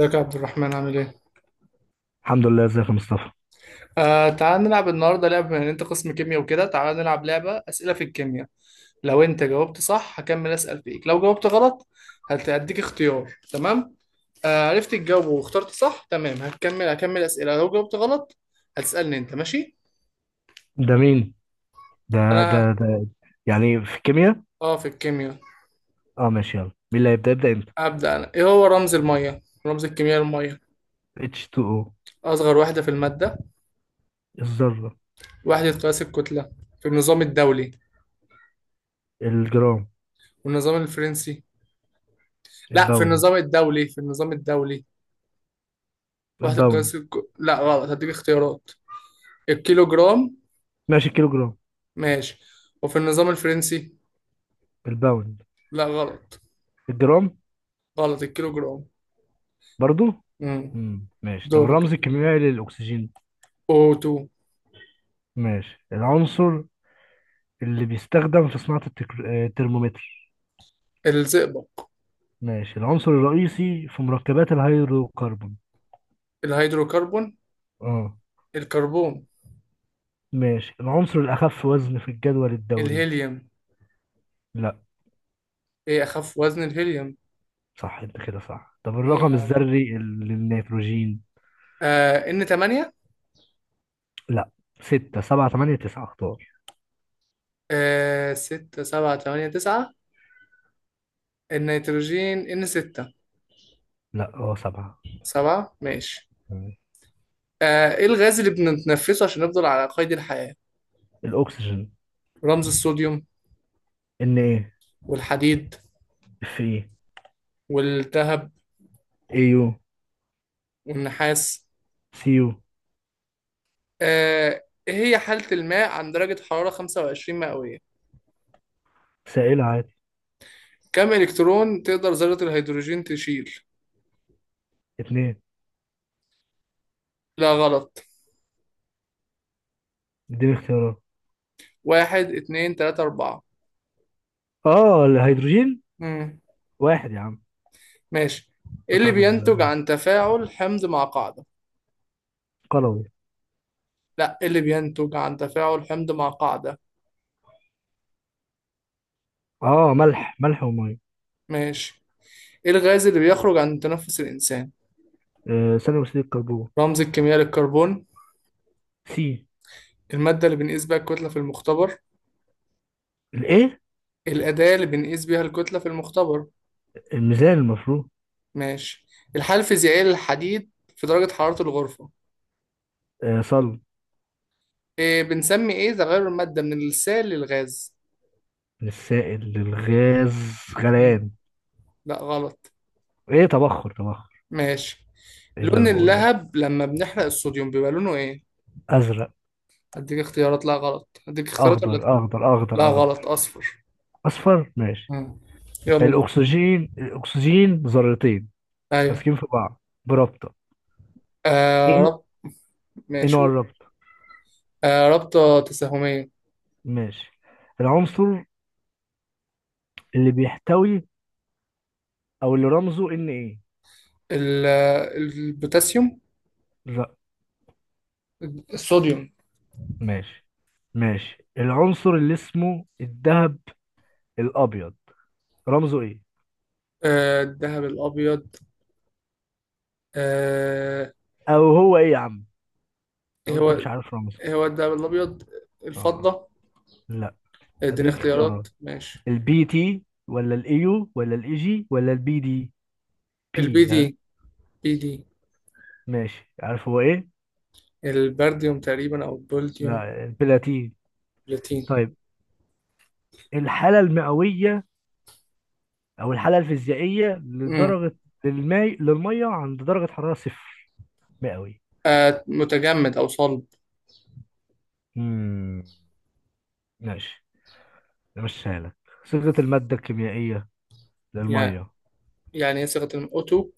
ازيك يا عبد الرحمن، عامل ايه؟ الحمد لله، ازيك يا مصطفى؟ آه، تعال نلعب النهارده لعبة. بما ان انت قسم كيمياء وكده، تعال نلعب لعبة اسئلة في الكيمياء. لو انت جاوبت صح هكمل اسأل فيك، لو جاوبت غلط هديك اختيار، تمام؟ آه عرفت تجاوبه واخترت صح، تمام هكمل اسئلة، لو جاوبت غلط هتسألني انت، ماشي؟ ده مين؟ ده انا. ده. يعني في الكيمياء. اه، في الكيمياء. اه ماشي، يلا مين اللي هيبدأ؟ يبدأ انت. ابدأ انا. ايه هو رمز المية؟ رمز الكيمياء المية. H2O. اصغر وحدة في المادة. الذرة. وحدة قياس الكتلة في النظام الدولي. الجرام. والنظام الفرنسي. لا، في الباوند. النظام الدولي في النظام الدولي وحدة قياس الباوند. لا غلط، هديك اختيارات. الكيلو جرام. ماشي الكيلو جرام. ماشي. وفي النظام الفرنسي. الباوند. لا غلط. الجرام. غلط الكيلو جرام. برضو. امم مم. ماشي، طب دورك الرمز انت. الكيميائي للأكسجين؟ O2. ماشي، العنصر اللي بيستخدم في صناعة الترمومتر. الزئبق. ماشي، العنصر الرئيسي في مركبات الهيدروكربون. الهيدروكربون. اه. الكربون. ماشي، العنصر الأخف وزن في الجدول الدوري. الهيليوم. لا. ايه اخف وزن؟ الهيليوم. صح، انت كده صح. طب ايه يا الرقم عم؟ الذري للنيتروجين؟ آه ان 8. لا، ستة سبعة تمانية تسعة، اختار. آه، 6 7 8 9. النيتروجين ان 6. لا، اه سبعة. 7 ماشي. مم. آه، ايه الغاز اللي بنتنفسه عشان نفضل على قيد الحياة؟ الأكسجين. رمز الصوديوم. إن إيه. والحديد. إف إيه. والذهب. إيه يو. والنحاس. سي يو. آه، إيه هي حالة الماء عند درجة حرارة 25 مئوية؟ سائل عادي. كم إلكترون تقدر ذرة الهيدروجين تشيل؟ اتنين. لا غلط. اديني اختيارات. واحد، اتنين، تلاتة، أربعة. اه الهيدروجين. مم، واحد يا عم. ماشي. إيه اللي بتاعت بينتج عن تفاعل حمض مع قاعدة؟ قلوي. لا، إيه اللي بينتج عن تفاعل حمض مع قاعدة؟ اه، ملح ومية. ماشي. إيه الغاز اللي بيخرج عن تنفس الإنسان؟ آه، ثاني أكسيد الكربون. رمز الكيمياء للكربون. سي. المادة اللي بنقيس بيها الكتلة في المختبر. الإيه؟ الأداة اللي بنقيس بيها الكتلة في المختبر. الميزان المفروض. ماشي. الحالة الفيزيائية للحديد في درجة حرارة الغرفة. آه صلب. إيه بنسمي إيه تغير المادة من السائل للغاز؟ من السائل للغاز. مم. غليان. لا غلط. إيه، تبخر تبخر. ماشي. إيه اللي لون أنا بقوله ده؟ اللهب لما بنحرق الصوديوم بيبقى لونه إيه؟ ازرق. أديك اختيارات. لا غلط، أديك اختيارات اخضر ولا. اخضر اخضر لا اخضر. غلط، أصفر. اصفر ماشي. مم. يلا دول. الاكسجين، الاكسجين ذرتين أيوه. ماسكين في بعض برابطه. آه ان. رب. ان ماشي. هو الرابطه. آه رابطة تساهمية. ماشي، العنصر اللي بيحتوي او اللي رمزه ان ايه. ال- البوتاسيوم. ر... الصوديوم. ماشي. ماشي، العنصر اللي اسمه الذهب الابيض، رمزه ايه؟ آه الذهب الأبيض. آه او هو ايه يا عم لو إيه هو؟ انت مش عارف رمزه. إيه هو الدهب الابيض؟ اه الفضه. لا. اديني هديك اختيارات، اختيارات. ماشي. البي تي ولا الايو ولا الاي جي ولا البي دي. البي بي. دي. بي دي. ماشي، عارف هو ايه؟ البرديوم تقريبا، او البولديوم. لا، البلاتين. بلاتين. طيب، الحالة المئوية او الحالة الفيزيائية امم. لدرجة، للماء، للمية عند درجة حرارة صفر مئوي. آه متجمد او صلب. امم ماشي، مشيها لك. صيغة المادة الكيميائية يعني للمية. يعني ايه صيغه O2.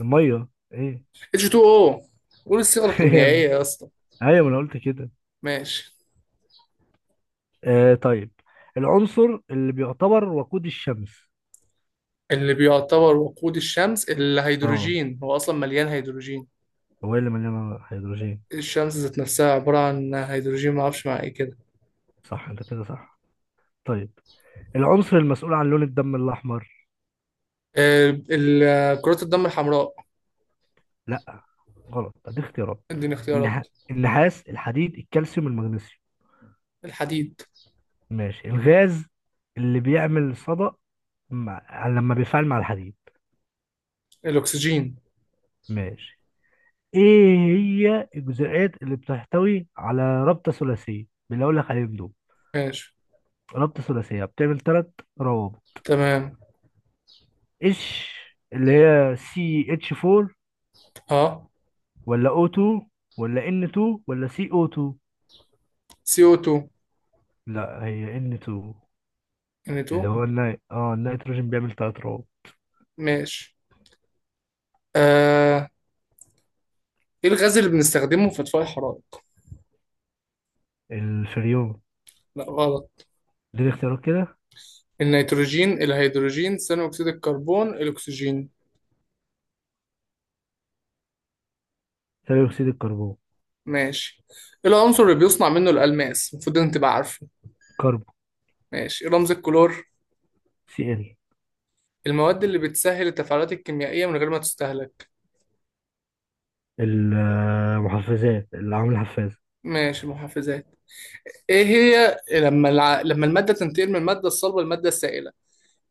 المية. ايه؟ H2O. قول الصيغه يا ابني، الكيميائيه يا اسطى. ايوه ما انا قلت كده. ماشي. آه طيب، العنصر اللي بيعتبر وقود الشمس. اللي بيعتبر وقود الشمس اه. الهيدروجين، هو اصلا مليان هيدروجين. هو إيه اللي مليان هيدروجين؟ الشمس ذات نفسها عباره عن هيدروجين، ما اعرفش مع ايه كده. صح، انت كده صح. طيب، العنصر المسؤول عن لون الدم الأحمر. آه كرات الدم الحمراء. لا غلط، ادي اختيارات. اديني النح... اختيارات. النحاس، الحديد، الكالسيوم، المغنيسيوم. الحديد. ماشي، الغاز اللي بيعمل صدأ لما بيفعل مع الحديد. الاكسجين. ماشي. ايه هي الجزيئات اللي بتحتوي على رابطة ثلاثية؟ باللي اقول لك عليهم دول، ماشي. رابطة ثلاثية بتعمل ثلاث روابط. تمام. ايش؟ اللي هي سي اتش 4 اه ولا او 2 ولا ان 2 ولا سي او 2. CO2. لا، هي ان 2. N2. اللي هو النيتروجين، بيعمل ثلاث روابط. ماشي. آه. ايه الغاز اللي بنستخدمه في اطفاء الحرائق؟ الفريون. لا غلط. دي اختيارات كده. النيتروجين، الهيدروجين، ثاني اكسيد الكربون، الاكسجين. ثاني اكسيد الكربون. ماشي. ايه العنصر اللي بيصنع منه الالماس؟ المفروض انت تبقى عارفه. كربو. ماشي. إيه رمز الكلور؟ سي ال. المواد اللي بتسهل التفاعلات الكيميائية من غير ما تستهلك. المحفزات، اللي عامل الحفاز. ماشي، المحفزات. ايه هي لما لما المادة تنتقل من المادة الصلبة للمادة السائلة،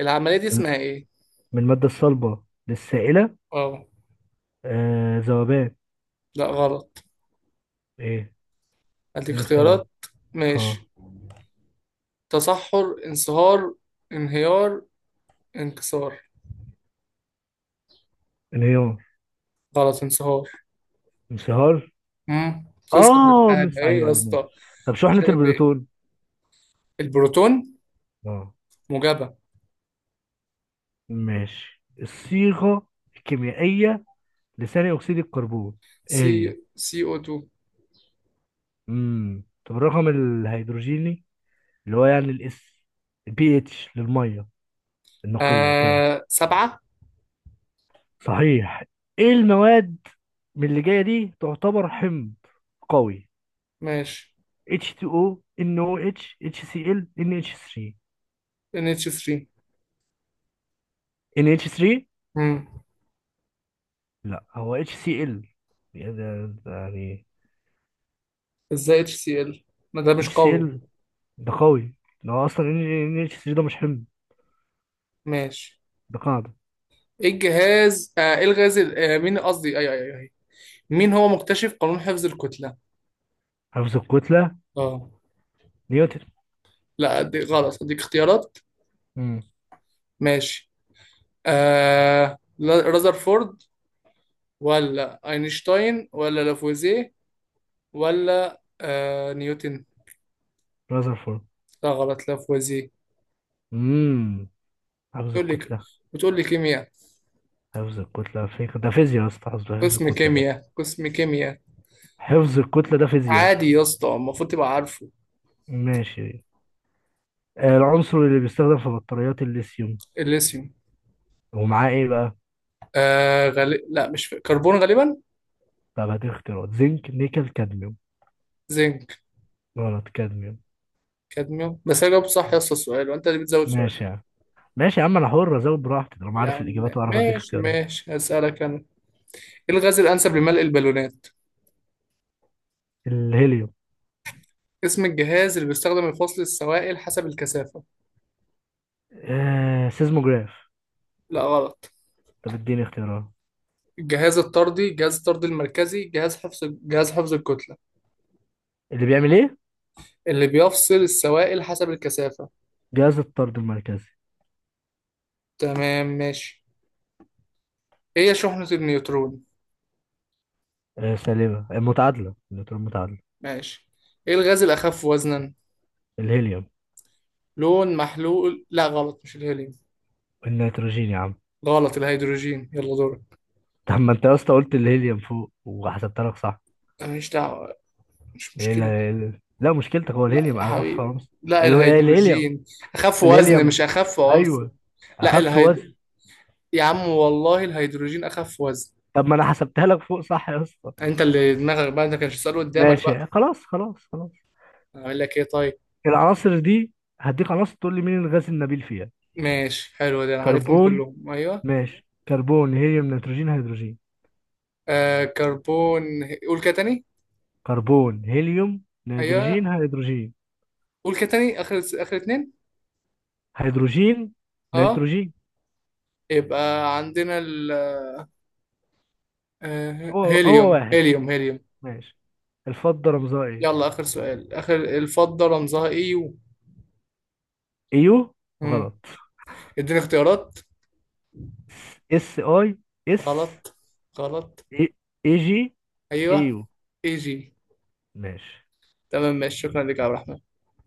العملية دي اسمها ايه؟ من الماده الصلبه للسائله. اه. آه ذوبان. لا غلط، ايه؟ اديك دي الاختيارات. اختيارات. اه. ماشي. تصحر، انصهار، انهيار، انكسار. انهيار. غلط، انصهار. انصهار. امم. توصل اه للحاجة مس ايه ايوه يا ايوه ماشي. اسطى؟ طب مش شحنه عارف ايه البروتون. البروتون. اه. موجبة. ماشي، الصيغه الكيميائيه لثاني اكسيد الكربون. ايه سي. هي. سي او 2. امم، طب الرقم الهيدروجيني اللي هو يعني الاس، البي اتش للميه النقية، كانت؟ آه سبعة. صحيح. ايه المواد من اللي جاية دي تعتبر حمض قوي؟ ماشي. H2O، NOH، HCl، NH3. ان اتش 3. NH3. امم. لا، هو HCl. يعني ده يعني. ازاي اتش سي ال، ما ده مش قوي. HCl ده قوي، ده هو اصلا. NH3 ده مش حمض، ماشي. ده قاعدة. ايه الجهاز، آه ايه الغاز آه مين قصدي، اي اي اي مين هو مكتشف قانون حفظ الكتلة؟ حفظ الكتلة. اه. نيوتن. لا دي غلط، اديك اختيارات. امم ماشي. آه رذرفورد، ولا اينشتاين، ولا لافوازيه، ولا آه نيوتن. رذرفورد. لا غلط، لافوازيه. امم حفظ تقول لي. الكتلة. بتقول لي كيمياء، حفظ الكتلة فيك ده فيزياء يا اسطى. حفظ قسم الكتلة ده. كيمياء قسم كيمياء. حفظ الكتلة ده فيزياء. عادي يا اسطى، المفروض تبقى عارفه. ماشي. آه، العنصر اللي بيستخدم في بطاريات الليثيوم، الليثيوم. ومعاه ايه بقى؟ آه لا مش فاكر. كربون غالبا. طب هدي اختيارات، زنك نيكل كادميوم. زنك. غلط، كادميوم. كادميوم، بس انا جاوبت صح يا اسطى السؤال وانت اللي بتزود سؤال. ماشي يا عم، ماشي يا عم، انا حر ازود براحتي طالما يا عارف عم الاجابات واعرف اديك ماشي اختيارات. ماشي، هسألك انا. ايه الغاز الانسب لملء البالونات؟ الهيليوم. اسم الجهاز اللي بيستخدم لفصل السوائل حسب الكثافة. آه سيزموجراف. لا غلط. طب اديني اختيارات. الجهاز الطردي، جهاز الطرد المركزي، جهاز حفظ، جهاز حفظ الكتلة. اللي بيعمل ايه؟ اللي بيفصل السوائل حسب الكثافة. جهاز الطرد المركزي. تمام ماشي. ايه هي شحنة النيوترون؟ آه سالبة، المتعادلة، النيوترون متعادلة. ماشي. ايه الغاز الأخف وزنا؟ الهيليوم. لون محلول، لا غلط مش الهيليوم. النيتروجين يا عم غلط، الهيدروجين. يلا دورك. طب ما انت يا اسطى قلت الهيليوم فوق وحسبتها لك صح. أنا مش دعوة. مش ايه مشكلة. لا مشكلتك، هو لا الهيليوم يا اخف حبيبي خالص. لا، الهيليوم. الهيدروجين. أخف وزن مش الهيليوم. أخف عنصر. ايوه، لا اخف الهيد وزن. يا عم والله الهيدروجين أخف وزن. طب ما انا حسبتها لك فوق صح يا اسطى. انت اللي دماغك بقى، انت كانش سؤال قدامك ماشي بقى. خلاص خلاص خلاص. اقول لك ايه طيب. العناصر دي، هديك عناصر تقول لي مين الغاز النبيل فيها. ماشي حلو، ده انا عارفهم كربون. كلهم. ايوه. ماشي، كربون هيليوم نيتروجين هيدروجين. آه كربون. قول كده تاني. كربون هيليوم ايوه. نيتروجين هيدروجين. قول كده تاني، اخر اخر اتنين. هيدروجين اه. نيتروجين. يبقى عندنا ال. آه هو هو هيليوم واحد. هيليوم هيليوم. ماشي، الفضة رمزها ايه. يلا اخر سؤال، اخر الفضة رمزها ايه؟ يو. ايو. مم. غلط. اديني اختيارات. اس اي. اس. غلط. غلط. اي جي. ايوه. ايو اي جي. ماشي. تمام ماشي، شكرا لك يا عبد الرحمن.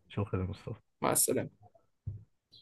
شكرا يا مصطفى. مع السلامة.